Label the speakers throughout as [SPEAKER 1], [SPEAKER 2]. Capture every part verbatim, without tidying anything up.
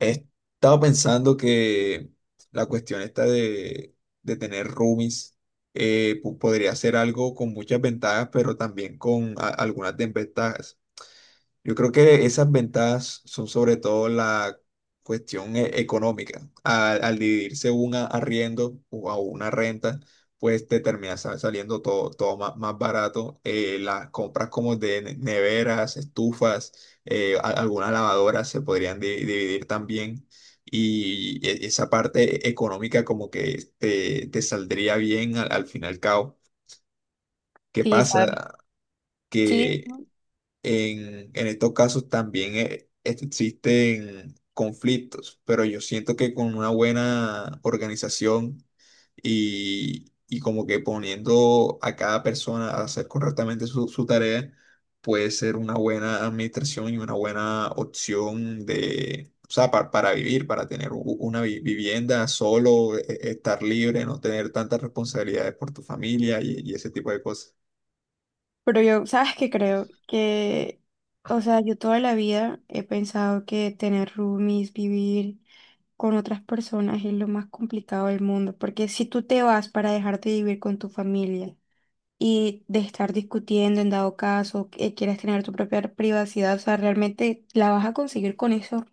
[SPEAKER 1] He estado pensando que la cuestión esta de, de tener roomies eh, po- podría ser algo con muchas ventajas, pero también con a- algunas desventajas. Yo creo que esas ventajas son sobre todo la cuestión e- económica. Al, al dividirse un a- arriendo o a una renta, pues te termina sa- saliendo todo, todo ma- más, barato. Eh, las compras como de ne- neveras, estufas, eh, a- algunas lavadoras se podrían di- dividir también. Y e- esa parte económica como que te, te saldría bien al, al fin y al cabo. ¿Qué
[SPEAKER 2] Sí, ¿sabes?
[SPEAKER 1] pasa?
[SPEAKER 2] Sí,
[SPEAKER 1] Que
[SPEAKER 2] ¿no?
[SPEAKER 1] en, en estos casos también eh, es- existen conflictos, pero yo siento que con una buena organización y, y como que poniendo a cada persona a hacer correctamente su, su tarea, puede ser una buena administración y una buena opción de, o sea, pa- para vivir, para tener u- una vi- vivienda solo, e- e- estar libre, no tener tantas responsabilidades por tu familia y y ese tipo de cosas.
[SPEAKER 2] Pero yo, ¿sabes qué creo? Que, o sea, yo toda la vida he pensado que tener roomies, vivir con otras personas es lo más complicado del mundo, porque si tú te vas para dejar de vivir con tu familia y de estar discutiendo en dado caso, que quieres tener tu propia privacidad, o sea, realmente la vas a conseguir con esos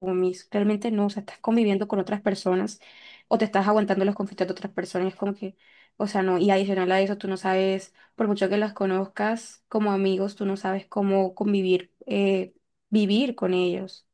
[SPEAKER 2] mis, realmente no. O sea, estás conviviendo con otras personas o te estás aguantando los conflictos de otras personas. Es como que, o sea, no. Y adicional a eso, tú no sabes, por mucho que las conozcas como amigos, tú no sabes cómo convivir, eh, vivir con ellos.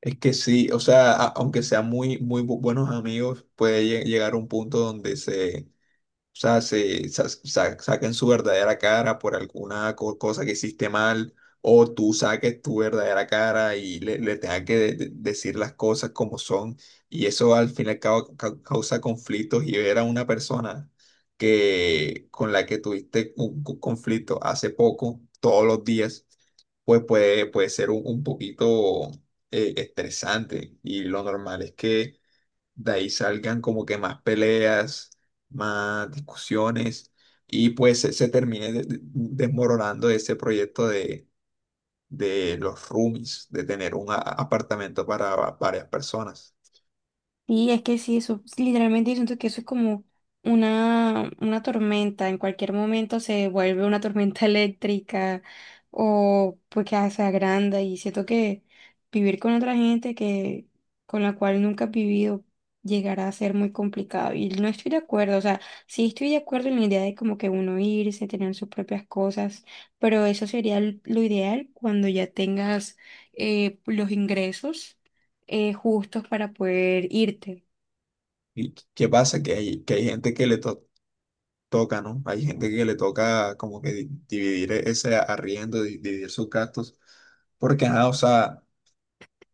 [SPEAKER 1] Es que sí, o sea, a- aunque sean muy, muy bu- buenos amigos, puede lle- llegar a un punto donde se, o sea, se, sa- sa- saquen su verdadera cara por alguna co- cosa que hiciste mal, o tú saques tu verdadera cara y le, le tengas que de- de- decir las cosas como son. Y eso al fin y al cabo cau- causa conflictos y ver a una persona que, con la que tuviste un co- conflicto hace poco, todos los días, pues puede, puede ser un, un poquito eh, estresante. Y lo normal es que de ahí salgan como que más peleas, más discusiones y pues se, se termine de- de- desmoronando ese proyecto de, de los roomies, de tener un a- apartamento para va- varias personas.
[SPEAKER 2] Y es que sí, eso, literalmente yo siento que eso es como una, una tormenta, en cualquier momento se vuelve una tormenta eléctrica o pues que se agranda. Y siento que vivir con otra gente que, con la cual nunca has vivido, llegará a ser muy complicado, y no estoy de acuerdo. O sea, sí estoy de acuerdo en la idea de como que uno irse, tener sus propias cosas, pero eso sería l- lo ideal cuando ya tengas eh, los ingresos eh, justos para poder irte.
[SPEAKER 1] ¿Y qué qué pasa? Que hay, que hay gente que le to- toca, ¿no? Hay gente que le toca como que di- dividir e- ese arriendo, di- dividir sus gastos, porque nada, o sea,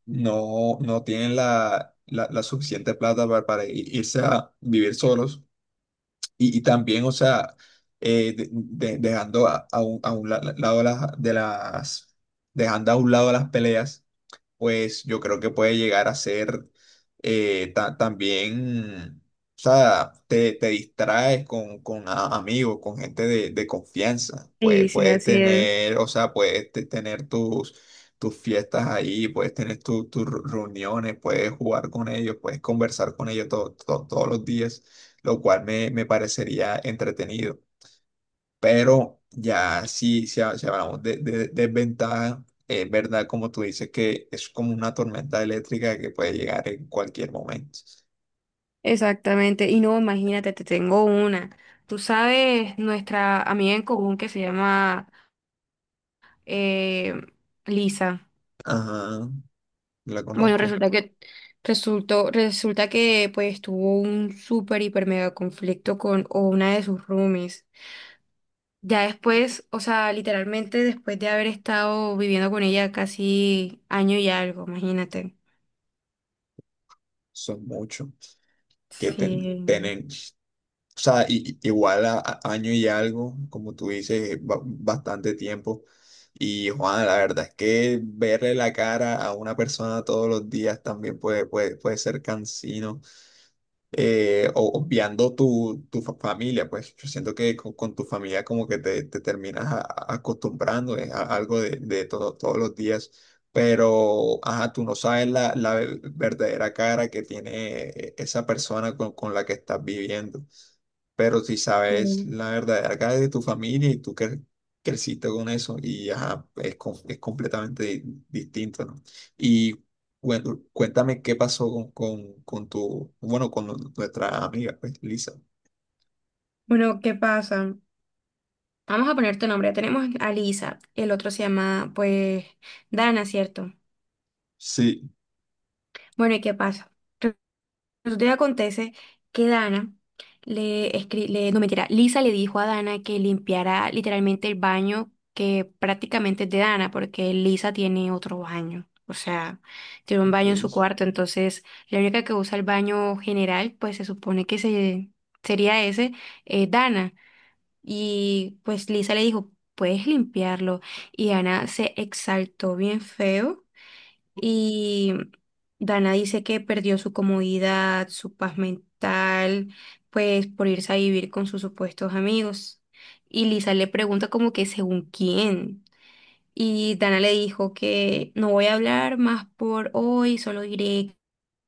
[SPEAKER 1] no, no tienen la, la, la suficiente plata para, para i- irse a vivir solos. Y, y también, o sea, eh, de- de- dejando a, a un, a un la- lado las, de las, dejando a un lado las peleas pues yo creo que puede llegar a ser eh, ta- también, o sea, te, te distraes con, con a- amigos, con gente de, de confianza, pues
[SPEAKER 2] Sí, sí,
[SPEAKER 1] puedes
[SPEAKER 2] así es.
[SPEAKER 1] tener, o sea, puedes te- tener tus, tus fiestas ahí, puedes tener tu- tus ru- reuniones, puedes jugar con ellos, puedes conversar con ellos to- to- todos los días, lo cual me, me parecería entretenido. Pero ya sí, si, ha- si hablamos de, de de desventaja, es verdad, como tú dices, que es como una tormenta eléctrica que puede llegar en cualquier momento.
[SPEAKER 2] Exactamente. Y no, imagínate, te tengo una. Tú sabes, nuestra amiga en común que se llama eh, Lisa.
[SPEAKER 1] Ajá, la
[SPEAKER 2] Bueno,
[SPEAKER 1] conozco,
[SPEAKER 2] resulta que resultó, resulta que pues tuvo un súper hiper mega conflicto con o una de sus roomies. Ya después, o sea, literalmente después de haber estado viviendo con ella casi año y algo, imagínate.
[SPEAKER 1] son muchos que ten-
[SPEAKER 2] Sí.
[SPEAKER 1] tienen, o sea, i- i- igual a, a- año y algo, como tú dices, es ba- bastante tiempo. Y Juan, la verdad es que verle la cara a una persona todos los días también puede, puede, puede ser cansino. Eh, o- obviando tu, tu fa- familia, pues yo siento que con, con tu familia como que te, te terminas a- a- acostumbrando eh, a algo de, de todo, todos los días, pero ajá, tú no sabes la, la verdadera cara que tiene eh, esa persona con, con la que estás viviendo, pero si sabes
[SPEAKER 2] Mm.
[SPEAKER 1] la verdadera cara de tu familia y tú cre- creciste con eso y ajá, es, com- es completamente di- distinto, ¿no? Y bueno, cuéntame qué pasó con, con, con tu, bueno, con nu- nuestra amiga, pues, Lisa.
[SPEAKER 2] Bueno, ¿qué pasa? Vamos a poner tu nombre. Ya tenemos a Lisa. El otro se llama, pues, Dana, ¿cierto?
[SPEAKER 1] Sí.
[SPEAKER 2] Bueno, ¿y qué pasa? Resulta y acontece que Dana le escri- le, no mentira, Lisa le dijo a Dana que limpiara literalmente el baño, que prácticamente es de Dana, porque Lisa tiene otro baño. O sea, tiene un baño en
[SPEAKER 1] Ok.
[SPEAKER 2] su cuarto, entonces la única que usa el baño general, pues se supone que se, sería ese, eh, Dana. Y pues Lisa le dijo, puedes limpiarlo. Y Ana se exaltó bien feo. Y Dana dice que perdió su comodidad, su paz mental, pues por irse a vivir con sus supuestos amigos. Y Lisa le pregunta como que según quién. Y Dana le dijo que no voy a hablar más por hoy, solo diré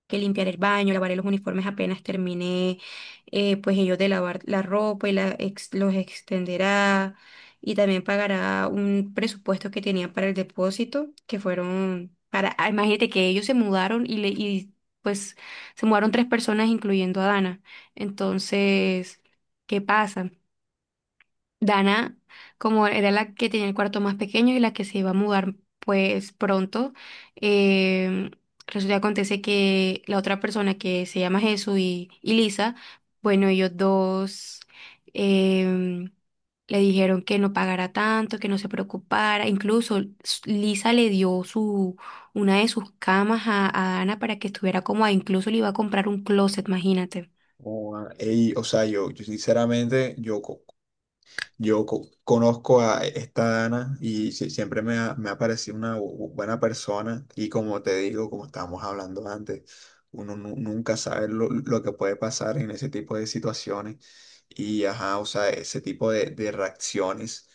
[SPEAKER 2] que limpiar el baño, lavaré los uniformes apenas terminé, eh, pues ellos de lavar la ropa y la ex- los extenderá, y también pagará un presupuesto que tenían para el depósito, que fueron para, ah, imagínate que ellos se mudaron y, le, y pues se mudaron tres personas incluyendo a Dana. Entonces, ¿qué pasa? Dana, como era la que tenía el cuarto más pequeño y la que se iba a mudar pues pronto, eh, resulta que acontece que la otra persona que se llama Jesús y, y Lisa, bueno, ellos dos em, le dijeron que no pagara tanto, que no se preocupara, incluso s- Lisa le dio su, una de sus camas a, a Dana para que estuviera cómoda, incluso le iba a comprar un closet, imagínate.
[SPEAKER 1] Oh, ah, ey, o sea, yo, yo sinceramente, yo co- Yo co- conozco a esta Dana y si- siempre me ha, me ha parecido una bu- buena persona y como te digo, como estábamos hablando antes, uno nu- nunca sabe lo, lo que puede pasar en ese tipo de situaciones y ajá, o sea, ese tipo de, de reacciones,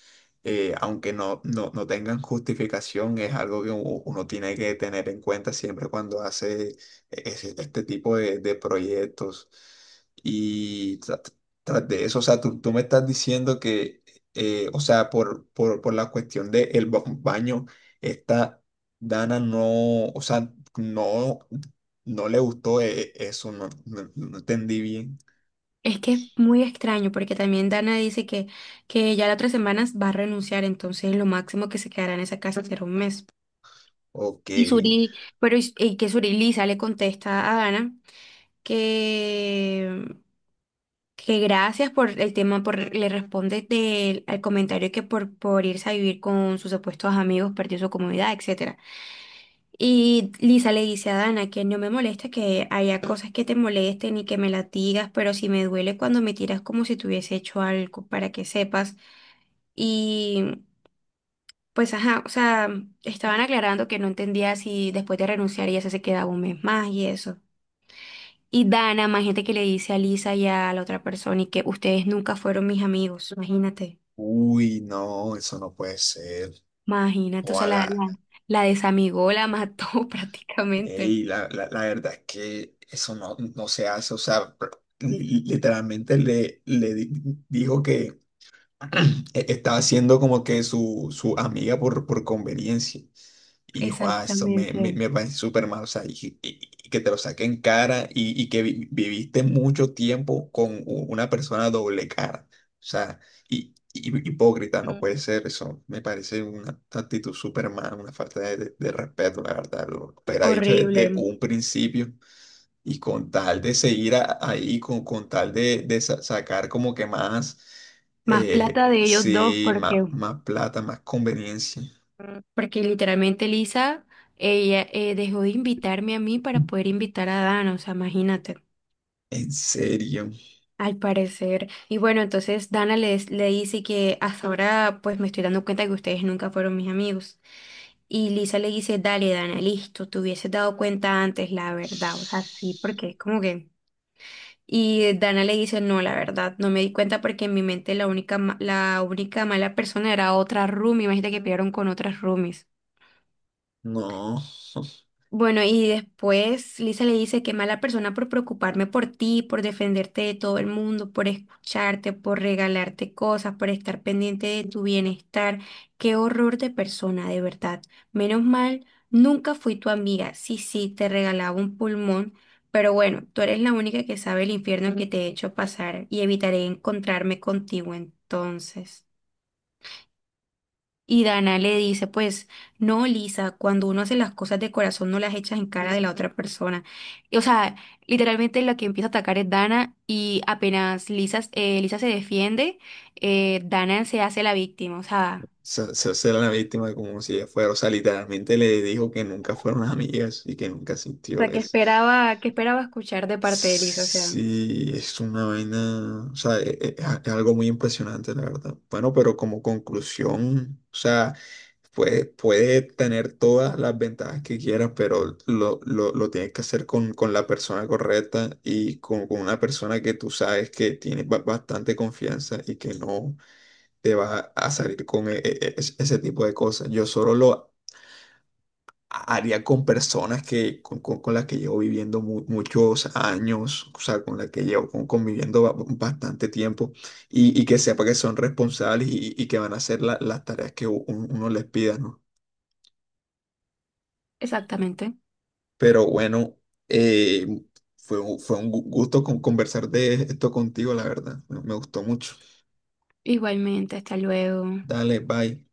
[SPEAKER 1] eh, aunque no, no, no tengan justificación, es algo que u- uno tiene que tener en cuenta siempre cuando hace e, ese- este tipo de, de proyectos. Y tras de eso, o sea, tú, tú me estás diciendo que, eh, o sea, por, por, por la cuestión de del baño, esta Dana no, o sea, no, no le gustó eh, eso, no, no, no entendí bien.
[SPEAKER 2] Es que es muy extraño porque también Dana dice que, que ya las otras semanas va a renunciar, entonces lo máximo que se quedará en esa casa será un mes.
[SPEAKER 1] Ok,
[SPEAKER 2] Y Suri, pero es- eh, que Suri Lisa le contesta a Dana que, que gracias por el tema, por, le responde del, al comentario que por, por irse a vivir con sus supuestos amigos perdió su comodidad, etcétera. Y Lisa le dice a Dana que no me molesta que haya cosas que te molesten y que me latigas, pero si me duele cuando me tiras como si te hubiese hecho algo, para que sepas. Y pues ajá, o sea, estaban aclarando que no entendía si después de renunciar ella se quedaba un mes más y eso. Y Dana, más gente que le dice a Lisa y a la otra persona y que ustedes nunca fueron mis amigos, imagínate,
[SPEAKER 1] uy, no, eso no puede ser.
[SPEAKER 2] imagínate, o sea, la,
[SPEAKER 1] Ojalá,
[SPEAKER 2] la, la desamigó, la mató prácticamente.
[SPEAKER 1] ey, la, la, la verdad es que eso no, no se hace, o sea, pr- li- literalmente le, le di- dijo que e- estaba siendo como que su, su amiga por, por conveniencia. Y dijo, ah, eso me, me,
[SPEAKER 2] Exactamente.
[SPEAKER 1] me parece súper mal. O sea, y, y- y que te lo saque en cara y, y que vi- viviste mucho tiempo con u- una persona doble cara. O sea, y, y- hipócrita, no
[SPEAKER 2] Mm.
[SPEAKER 1] puede ser eso. Me parece una actitud súper mal, una falta de, de- de respeto, la verdad. Lo hubiera dicho desde
[SPEAKER 2] Horrible.
[SPEAKER 1] un principio y con tal de seguir a- ahí, con, con tal de, de sa- sacar como que más,
[SPEAKER 2] Más plata
[SPEAKER 1] eh,
[SPEAKER 2] de ellos dos
[SPEAKER 1] sí,
[SPEAKER 2] porque,
[SPEAKER 1] má- más, plata, más conveniencia.
[SPEAKER 2] porque literalmente Lisa, ella eh, dejó de invitarme a mí para poder invitar a Dana, o sea, imagínate,
[SPEAKER 1] ¿En serio?
[SPEAKER 2] al parecer. Y bueno, entonces Dana les, le dice que hasta ahora pues me estoy dando cuenta que ustedes nunca fueron mis amigos. Y Lisa le dice, dale, Dana, listo, te hubieses dado cuenta antes, la verdad, o sea, sí, porque es como que... Y Dana le dice, no, la verdad, no me di cuenta porque en mi mente la única, ma- la única mala persona era otra roomie. Imagínate que pelearon con otras roomies.
[SPEAKER 1] No.
[SPEAKER 2] Bueno, y después Lisa le dice, qué mala persona por preocuparme por ti, por defenderte de todo el mundo, por escucharte, por regalarte cosas, por estar pendiente de tu bienestar. Qué horror de persona, de verdad. Menos mal, nunca fui tu amiga. Sí, sí, te regalaba un pulmón, pero bueno, tú eres la única que sabe el infierno que te he hecho pasar y evitaré encontrarme contigo entonces. Y Dana le dice, pues, no, Lisa, cuando uno hace las cosas de corazón no las echas en cara de la otra persona. Y, o sea, literalmente la que empieza a atacar es Dana y apenas Lisa, eh, Lisa se defiende, eh, Dana se hace la víctima. O sea,
[SPEAKER 1] Se, se hace la víctima como si ella fuera, o sea, literalmente le dijo que nunca fueron amigas y que nunca
[SPEAKER 2] O
[SPEAKER 1] sintió
[SPEAKER 2] sea, ¿que
[SPEAKER 1] eso.
[SPEAKER 2] esperaba, que esperaba escuchar de parte de Lisa? O sea,
[SPEAKER 1] Sí, es una vaina, o sea, e- e- es algo muy impresionante, la verdad. Bueno, pero como conclusión, o sea, Puede, puede tener todas las ventajas que quieras, pero lo, lo, lo tienes que hacer con, con la persona correcta y con, con una persona que tú sabes que tiene ba- bastante confianza y que no te va a salir con e- e- e, es- ese tipo de cosas. Yo solo lo haría con personas que, con, con- con las que llevo viviendo mu- muchos años, o sea, con las que llevo con- conviviendo ba- bastante tiempo y, y que sepa que son responsables y, y que van a hacer la- las tareas que u- uno les pida, ¿no?
[SPEAKER 2] exactamente.
[SPEAKER 1] Pero bueno, eh, fue, un- fue un gu- gusto con- conversar de esto contigo, la verdad. Me me gustó mucho.
[SPEAKER 2] Igualmente, hasta luego.
[SPEAKER 1] Dale, bye.